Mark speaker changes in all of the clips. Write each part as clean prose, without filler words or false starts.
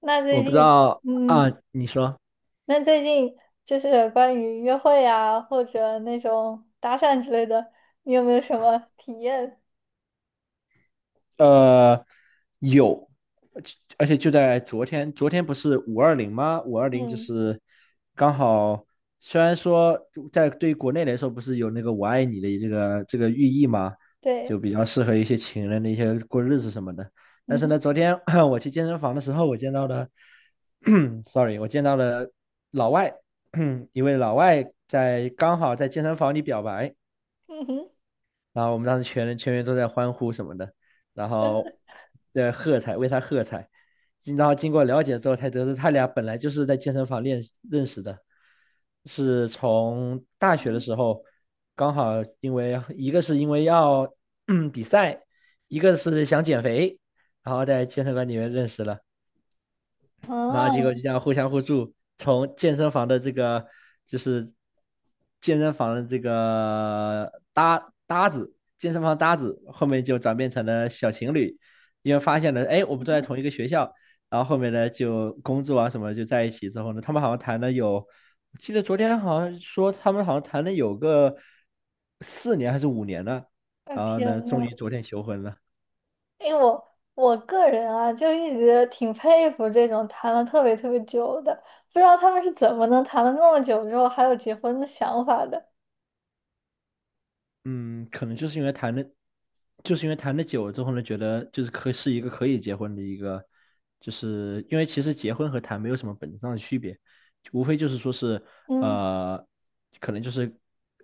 Speaker 1: 那
Speaker 2: 我
Speaker 1: 最
Speaker 2: 不知
Speaker 1: 近，
Speaker 2: 道
Speaker 1: 嗯，
Speaker 2: 啊，你说，
Speaker 1: 那最近就是关于约会啊，或者那种搭讪之类的，你有没有什么体验？
Speaker 2: 呃，有，而且就在昨天不是五二零吗？五二零就
Speaker 1: 嗯，
Speaker 2: 是刚好，虽然说在对于国内来说不是有那个"我爱你"的这个寓意嘛，
Speaker 1: 对，
Speaker 2: 就比较适合一些情人的一些过日子什么的。但
Speaker 1: 嗯
Speaker 2: 是呢，
Speaker 1: 哼，
Speaker 2: 昨天 我去健身房的时候，我见到了 ，sorry，我见到了老外，一位老外在刚好在健身房里表白。
Speaker 1: 嗯哼，
Speaker 2: 然后我们当时全员都在欢呼什么的，然
Speaker 1: 真的，
Speaker 2: 后在喝彩，为他喝彩。然后经过了解之后，才得知他俩本来就是在健身房认识的，是从大学的时候，刚好因为一个是因为要 比赛，一个是想减肥，然后在健身馆里面认识了。然后结果就
Speaker 1: 啊，
Speaker 2: 这样互相互助，从健身房的这个就是健身房的这个搭子，健身房搭子，后面就转变成了小情侣，因为发现了，哎，我们都在同一个学校，然后后面呢就工作啊什么就在一起之后呢，他们好像谈了有，我记得昨天好像说他们好像谈了有个4年还是5年呢，
Speaker 1: 我
Speaker 2: 然后
Speaker 1: 天
Speaker 2: 呢，终于
Speaker 1: 呐。
Speaker 2: 昨天求婚了。
Speaker 1: 因为我个人啊，就一直挺佩服这种谈了特别特别久的，不知道他们是怎么能谈了那么久之后还有结婚的想法的。
Speaker 2: 嗯，可能就是因为谈的，就是因为谈的久了之后呢，觉得就是可是一个可以结婚的一个，就是因为其实结婚和谈没有什么本质上的区别，无非就是说是
Speaker 1: 嗯
Speaker 2: 呃，可能就是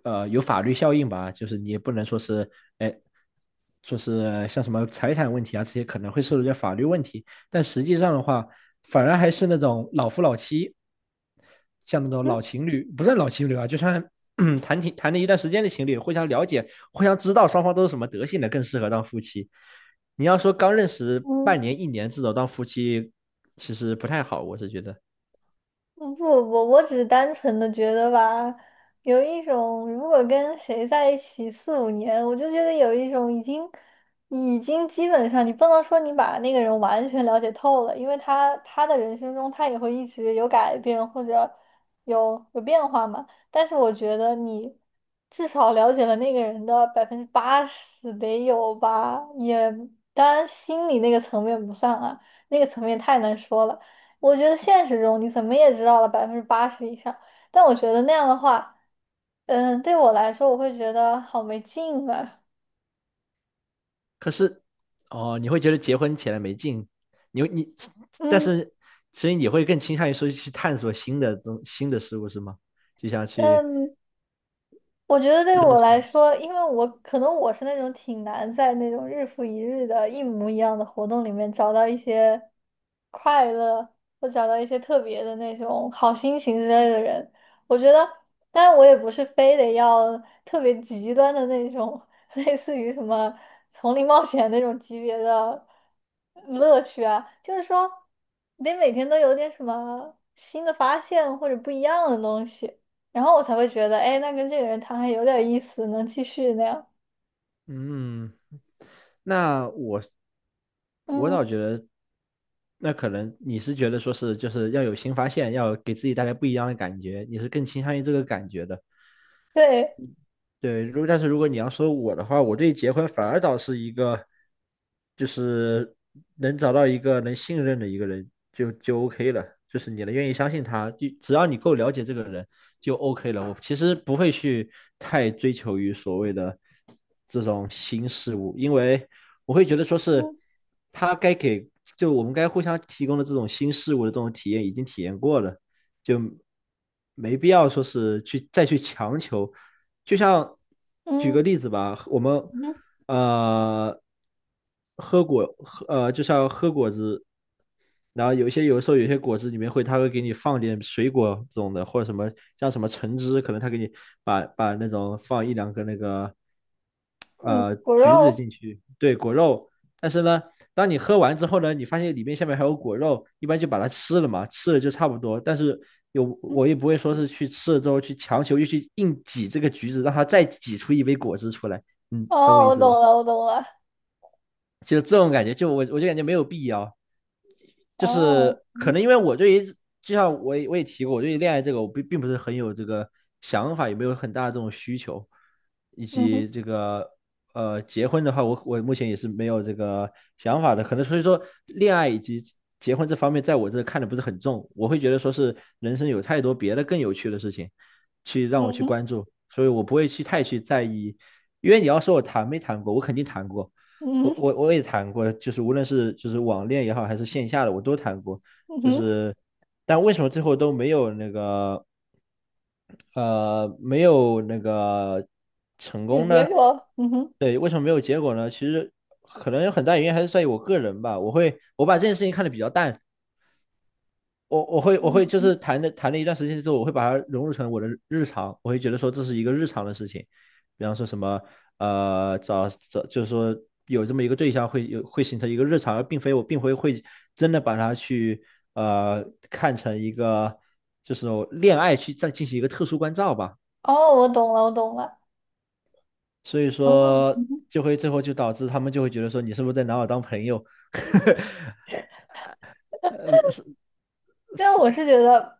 Speaker 2: 有法律效应吧，就是你也不能说是哎，说是像什么财产问题啊这些可能会涉及到法律问题，但实际上的话，反而还是那种老夫老妻，像那种老
Speaker 1: 嗯
Speaker 2: 情侣，不算老情侣啊，就算 谈了一段时间的情侣，互相了解、互相知道双方都是什么德性的，更适合当夫妻。你要说刚认识
Speaker 1: 嗯。
Speaker 2: 半年、一年这种当夫妻，其实不太好，我是觉得。
Speaker 1: 嗯不不，我只是单纯的觉得吧，有一种如果跟谁在一起四五年，我就觉得有一种已经基本上，你不能说你把那个人完全了解透了，因为他的人生中他也会一直有改变或者有变化嘛。但是我觉得你至少了解了那个人的百分之八十得有吧，也当然心理那个层面不算啊，那个层面太难说了。我觉得现实中你怎么也知道了百分之八十以上，但我觉得那样的话，对我来说，我会觉得好没劲啊。
Speaker 2: 可是，哦，你会觉得结婚起来没劲，你会你，但
Speaker 1: 嗯，
Speaker 2: 是所以你会更倾向于说去探索新的事物是吗？就像去
Speaker 1: 嗯，我觉得对
Speaker 2: 认
Speaker 1: 我来
Speaker 2: 识，
Speaker 1: 说，因为可能我是那种挺难在那种日复一日的一模一样的活动里面找到一些快乐，或找到一些特别的那种好心情之类的人。我觉得，当然我也不是非得要特别极端的那种，类似于什么丛林冒险那种级别的乐趣啊，就是说得每天都有点什么新的发现或者不一样的东西。然后我才会觉得，哎，那跟这个人谈还有点意思，能继续那样。
Speaker 2: 嗯，那我
Speaker 1: 嗯，
Speaker 2: 倒觉得，那可能你是觉得说是就是要有新发现，要给自己带来不一样的感觉，你是更倾向于这个感觉的。
Speaker 1: 对，
Speaker 2: 对，如果但是如果你要说我的话，我对结婚反而倒是一个，就是能找到一个能信任的一个人就 OK 了，就是你能愿意相信他，就只要你够了解这个人就 OK 了。我其实不会去太追求于所谓的这种新事物，因为我会觉得说是
Speaker 1: 嗯
Speaker 2: 他该给，就我们该互相提供的这种新事物的这种体验已经体验过了，就没必要说是去再去强求。就像举个
Speaker 1: 嗯
Speaker 2: 例子吧，我们
Speaker 1: 嗯
Speaker 2: 呃喝果喝呃，就像喝果汁，然后有一些有的时候有些果汁里面会，它会给你放点水果这种的，或者什么像什么橙汁，可能它给你把那种放一两个那个
Speaker 1: 嗯，骨
Speaker 2: 橘子
Speaker 1: 肉，
Speaker 2: 进去，对，果肉，但是呢，当你喝完之后呢，你发现里面下面还有果肉，一般就把它吃了嘛，吃了就差不多。但是
Speaker 1: 嗯
Speaker 2: 我也不会说是去吃了之后去强求又去硬挤这个橘子，让它再挤出一杯果汁出来。嗯，懂我
Speaker 1: 哦，
Speaker 2: 意
Speaker 1: 我
Speaker 2: 思
Speaker 1: 懂
Speaker 2: 吧？
Speaker 1: 了，我懂了。
Speaker 2: 就这种感觉，就我就感觉没有必要。就是
Speaker 1: 哦，
Speaker 2: 可
Speaker 1: 嗯
Speaker 2: 能因为我对于就像我也提过，我对于恋爱这个我并不是很有这个想法，也没有很大的这种需求，以
Speaker 1: 嗯哼
Speaker 2: 及这个结婚的话，我目前也是没有这个想法的，可能所以说恋爱以及结婚这方面，在我这看的不是很重，我会觉得说是人生有太多别的更有趣的事情去让我
Speaker 1: 嗯
Speaker 2: 去
Speaker 1: 哼
Speaker 2: 关注，所以我不会去太去在意，因为你要说我谈没谈过，我肯定谈过，
Speaker 1: 嗯
Speaker 2: 我
Speaker 1: 哼
Speaker 2: 我我也谈过，就是无论是就是网恋也好，还是线下的，我都谈过。
Speaker 1: 嗯
Speaker 2: 就
Speaker 1: 哼，
Speaker 2: 是，但为什么最后都没有那个呃没有那个成
Speaker 1: 有
Speaker 2: 功
Speaker 1: 结
Speaker 2: 呢？
Speaker 1: 果，嗯哼，
Speaker 2: 对，为什么没有结果呢？其实可能有很大原因还是在于我个人吧。我把这件事情看得比较淡，我会
Speaker 1: 嗯
Speaker 2: 就
Speaker 1: 嗯，
Speaker 2: 是谈了一段时间之后，我会把它融入成我的日常，我会觉得说这是一个日常的事情，比方说什么找找就是说有这么一个对象会有会形成一个日常，而并非会真的把它去呃看成一个就是恋爱去再进行一个特殊关照吧，
Speaker 1: 哦，我懂了，我懂了，
Speaker 2: 所以
Speaker 1: 哦。
Speaker 2: 说就会最后就导致他们就会觉得说你是不是在拿我当朋友？呃
Speaker 1: 因为我是觉得，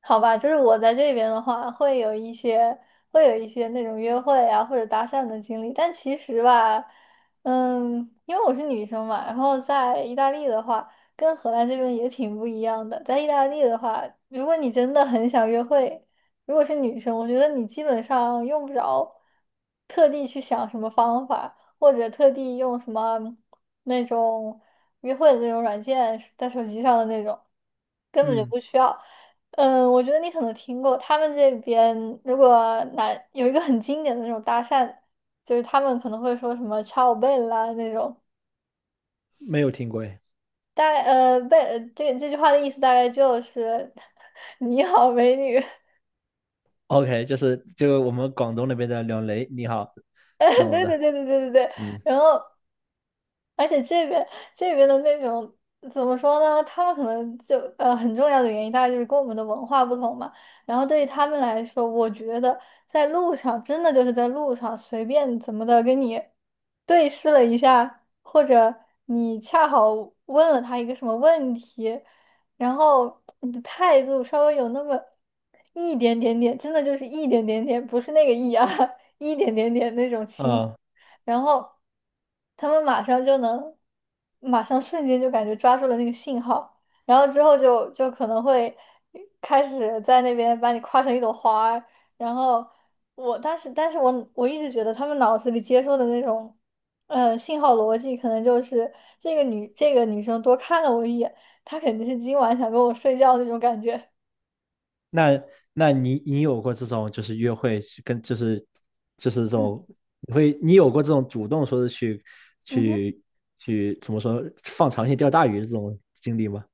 Speaker 1: 好吧，就是我在这边的话，会有一些那种约会啊或者搭讪的经历，但其实吧，嗯，因为我是女生嘛，然后在意大利的话，跟荷兰这边也挺不一样的。在意大利的话，如果你真的很想约会，如果是女生，我觉得你基本上用不着特地去想什么方法，或者特地用什么那种约会的那种软件，在手机上的那种。根本就
Speaker 2: 嗯，
Speaker 1: 不需要。嗯，我觉得你可能听过，他们这边如果男有一个很经典的那种搭讪，就是他们可能会说什么 "ciao bella" 那种，
Speaker 2: 没有听过哎。
Speaker 1: 大概呃贝这这句话的意思大概就是 “你好，美女"。
Speaker 2: OK，就是就我们广东那边的"两雷"你好
Speaker 1: 对
Speaker 2: 弄
Speaker 1: 对对
Speaker 2: 的。
Speaker 1: 对对对对。
Speaker 2: 嗯
Speaker 1: 然后，而且这边的那种，怎么说呢？他们可能就很重要的原因，大概就是跟我们的文化不同嘛。然后对于他们来说，我觉得在路上真的就是在路上随便怎么的跟你对视了一下，或者你恰好问了他一个什么问题，然后你的态度稍微有那么一点点点，真的就是一点点点，不是那个一啊，一点点点那种轻。
Speaker 2: 哦，
Speaker 1: 然后他们马上瞬间就感觉抓住了那个信号，然后之后就可能会开始在那边把你夸成一朵花儿。然后我当时，但是我一直觉得他们脑子里接受的那种，信号逻辑可能就是这个女生多看了我一眼，她肯定是今晚想跟我睡觉那种感觉。
Speaker 2: 那那你有过这种就是约会去跟就是这
Speaker 1: 嗯
Speaker 2: 种你有过这种主动说是去
Speaker 1: 嗯哼。
Speaker 2: 去怎么说放长线钓大鱼的这种经历吗？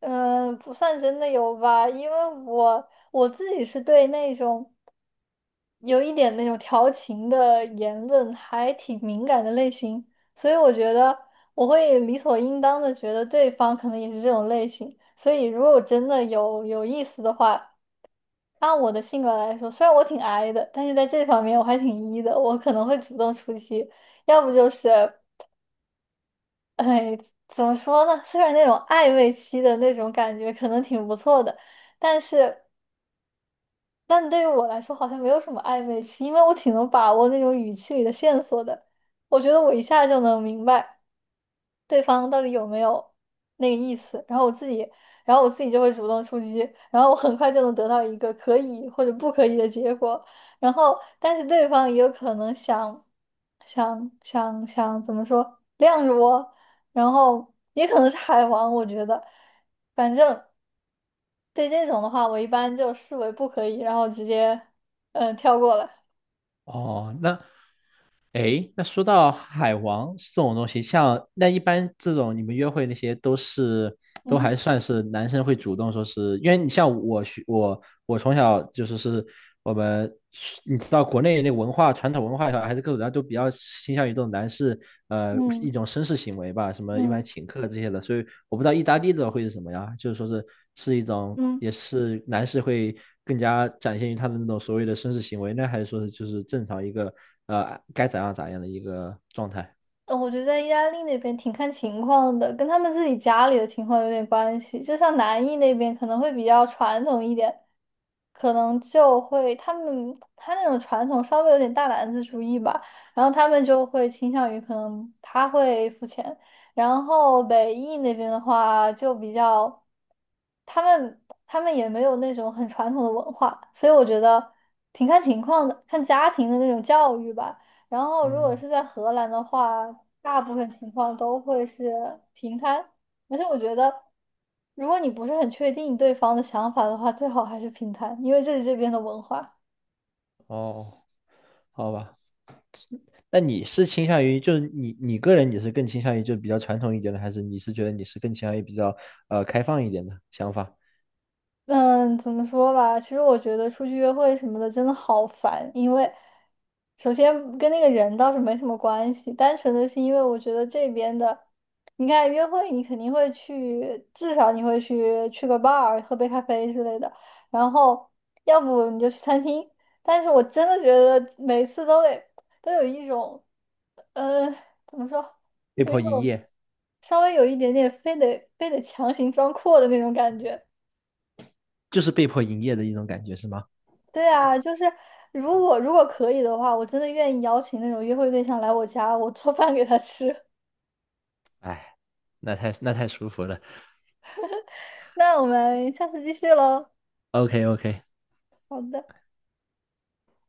Speaker 1: 嗯，不算真的有吧，因为我自己是对那种有一点那种调情的言论，还挺敏感的类型，所以我觉得我会理所应当的觉得对方可能也是这种类型，所以如果真的有意思的话，按我的性格来说，虽然我挺 I 的，但是在这方面我还挺 E 的，我可能会主动出击，要不就是，哎，怎么说呢？虽然那种暧昧期的那种感觉可能挺不错的，但是。但对于我来说，好像没有什么暧昧期，因为我挺能把握那种语气里的线索的。我觉得我一下就能明白对方到底有没有那个意思，然后我自己就会主动出击，然后我很快就能得到一个可以或者不可以的结果。然后，但是对方也有可能想，想怎么说晾着我，然后也可能是海王，我觉得，反正。对这种的话，我一般就视为不可以，然后直接跳过了。
Speaker 2: 哦，那诶，那说到海王这种东西，像那一般这种你们约会那些都是都
Speaker 1: 嗯
Speaker 2: 还
Speaker 1: 哼，
Speaker 2: 算是男生会主动说是，因为你像我学我我从小就是我们你知道国内那传统文化也好，还是各种然后都比较倾向于这种男士一
Speaker 1: 嗯
Speaker 2: 种绅士行为吧，什么一般
Speaker 1: 嗯
Speaker 2: 请客这些的，所以我不知道意大利的会是什么呀，就是说是一种
Speaker 1: 嗯。
Speaker 2: 也是男士会更加展现于他的那种所谓的绅士行为呢，还是说是就是正常一个？该咋样咋样的一个状态。
Speaker 1: 我觉得在意大利那边挺看情况的，跟他们自己家里的情况有点关系。就像南意那边可能会比较传统一点，可能就会他们他那种传统稍微有点大男子主义吧，然后他们就会倾向于可能他会付钱。然后北意那边的话就比较，他们他们也没有那种很传统的文化，所以我觉得挺看情况的，看家庭的那种教育吧。然后如果
Speaker 2: 嗯，
Speaker 1: 是在荷兰的话，大部分情况都会是平摊，而且我觉得，如果你不是很确定对方的想法的话，最好还是平摊，因为这是这边的文化。
Speaker 2: 哦，好吧。那你是倾向于，就是你个人，你是更倾向于就比较传统一点的，还是你是觉得你是更倾向于比较开放一点的想法？
Speaker 1: 嗯，怎么说吧？其实我觉得出去约会什么的真的好烦，因为首先跟那个人倒是没什么关系，单纯的是因为我觉得这边的，你看约会你肯定会去，至少你会去个 bar 喝杯咖啡之类的，然后要不你就去餐厅。但是我真的觉得每次都有一种，呃，怎么说，
Speaker 2: 被
Speaker 1: 有一
Speaker 2: 迫营
Speaker 1: 种
Speaker 2: 业。
Speaker 1: 稍微有一点点非得非得强行装阔的那种感觉。
Speaker 2: 就是被迫营业的一种感觉是吗？
Speaker 1: 对啊，就是如果可以的话，我真的愿意邀请那种约会对象来我家，我做饭给他吃。
Speaker 2: 哎，那太舒服了。
Speaker 1: 那我们下次继续喽。
Speaker 2: OK OK，
Speaker 1: 好的。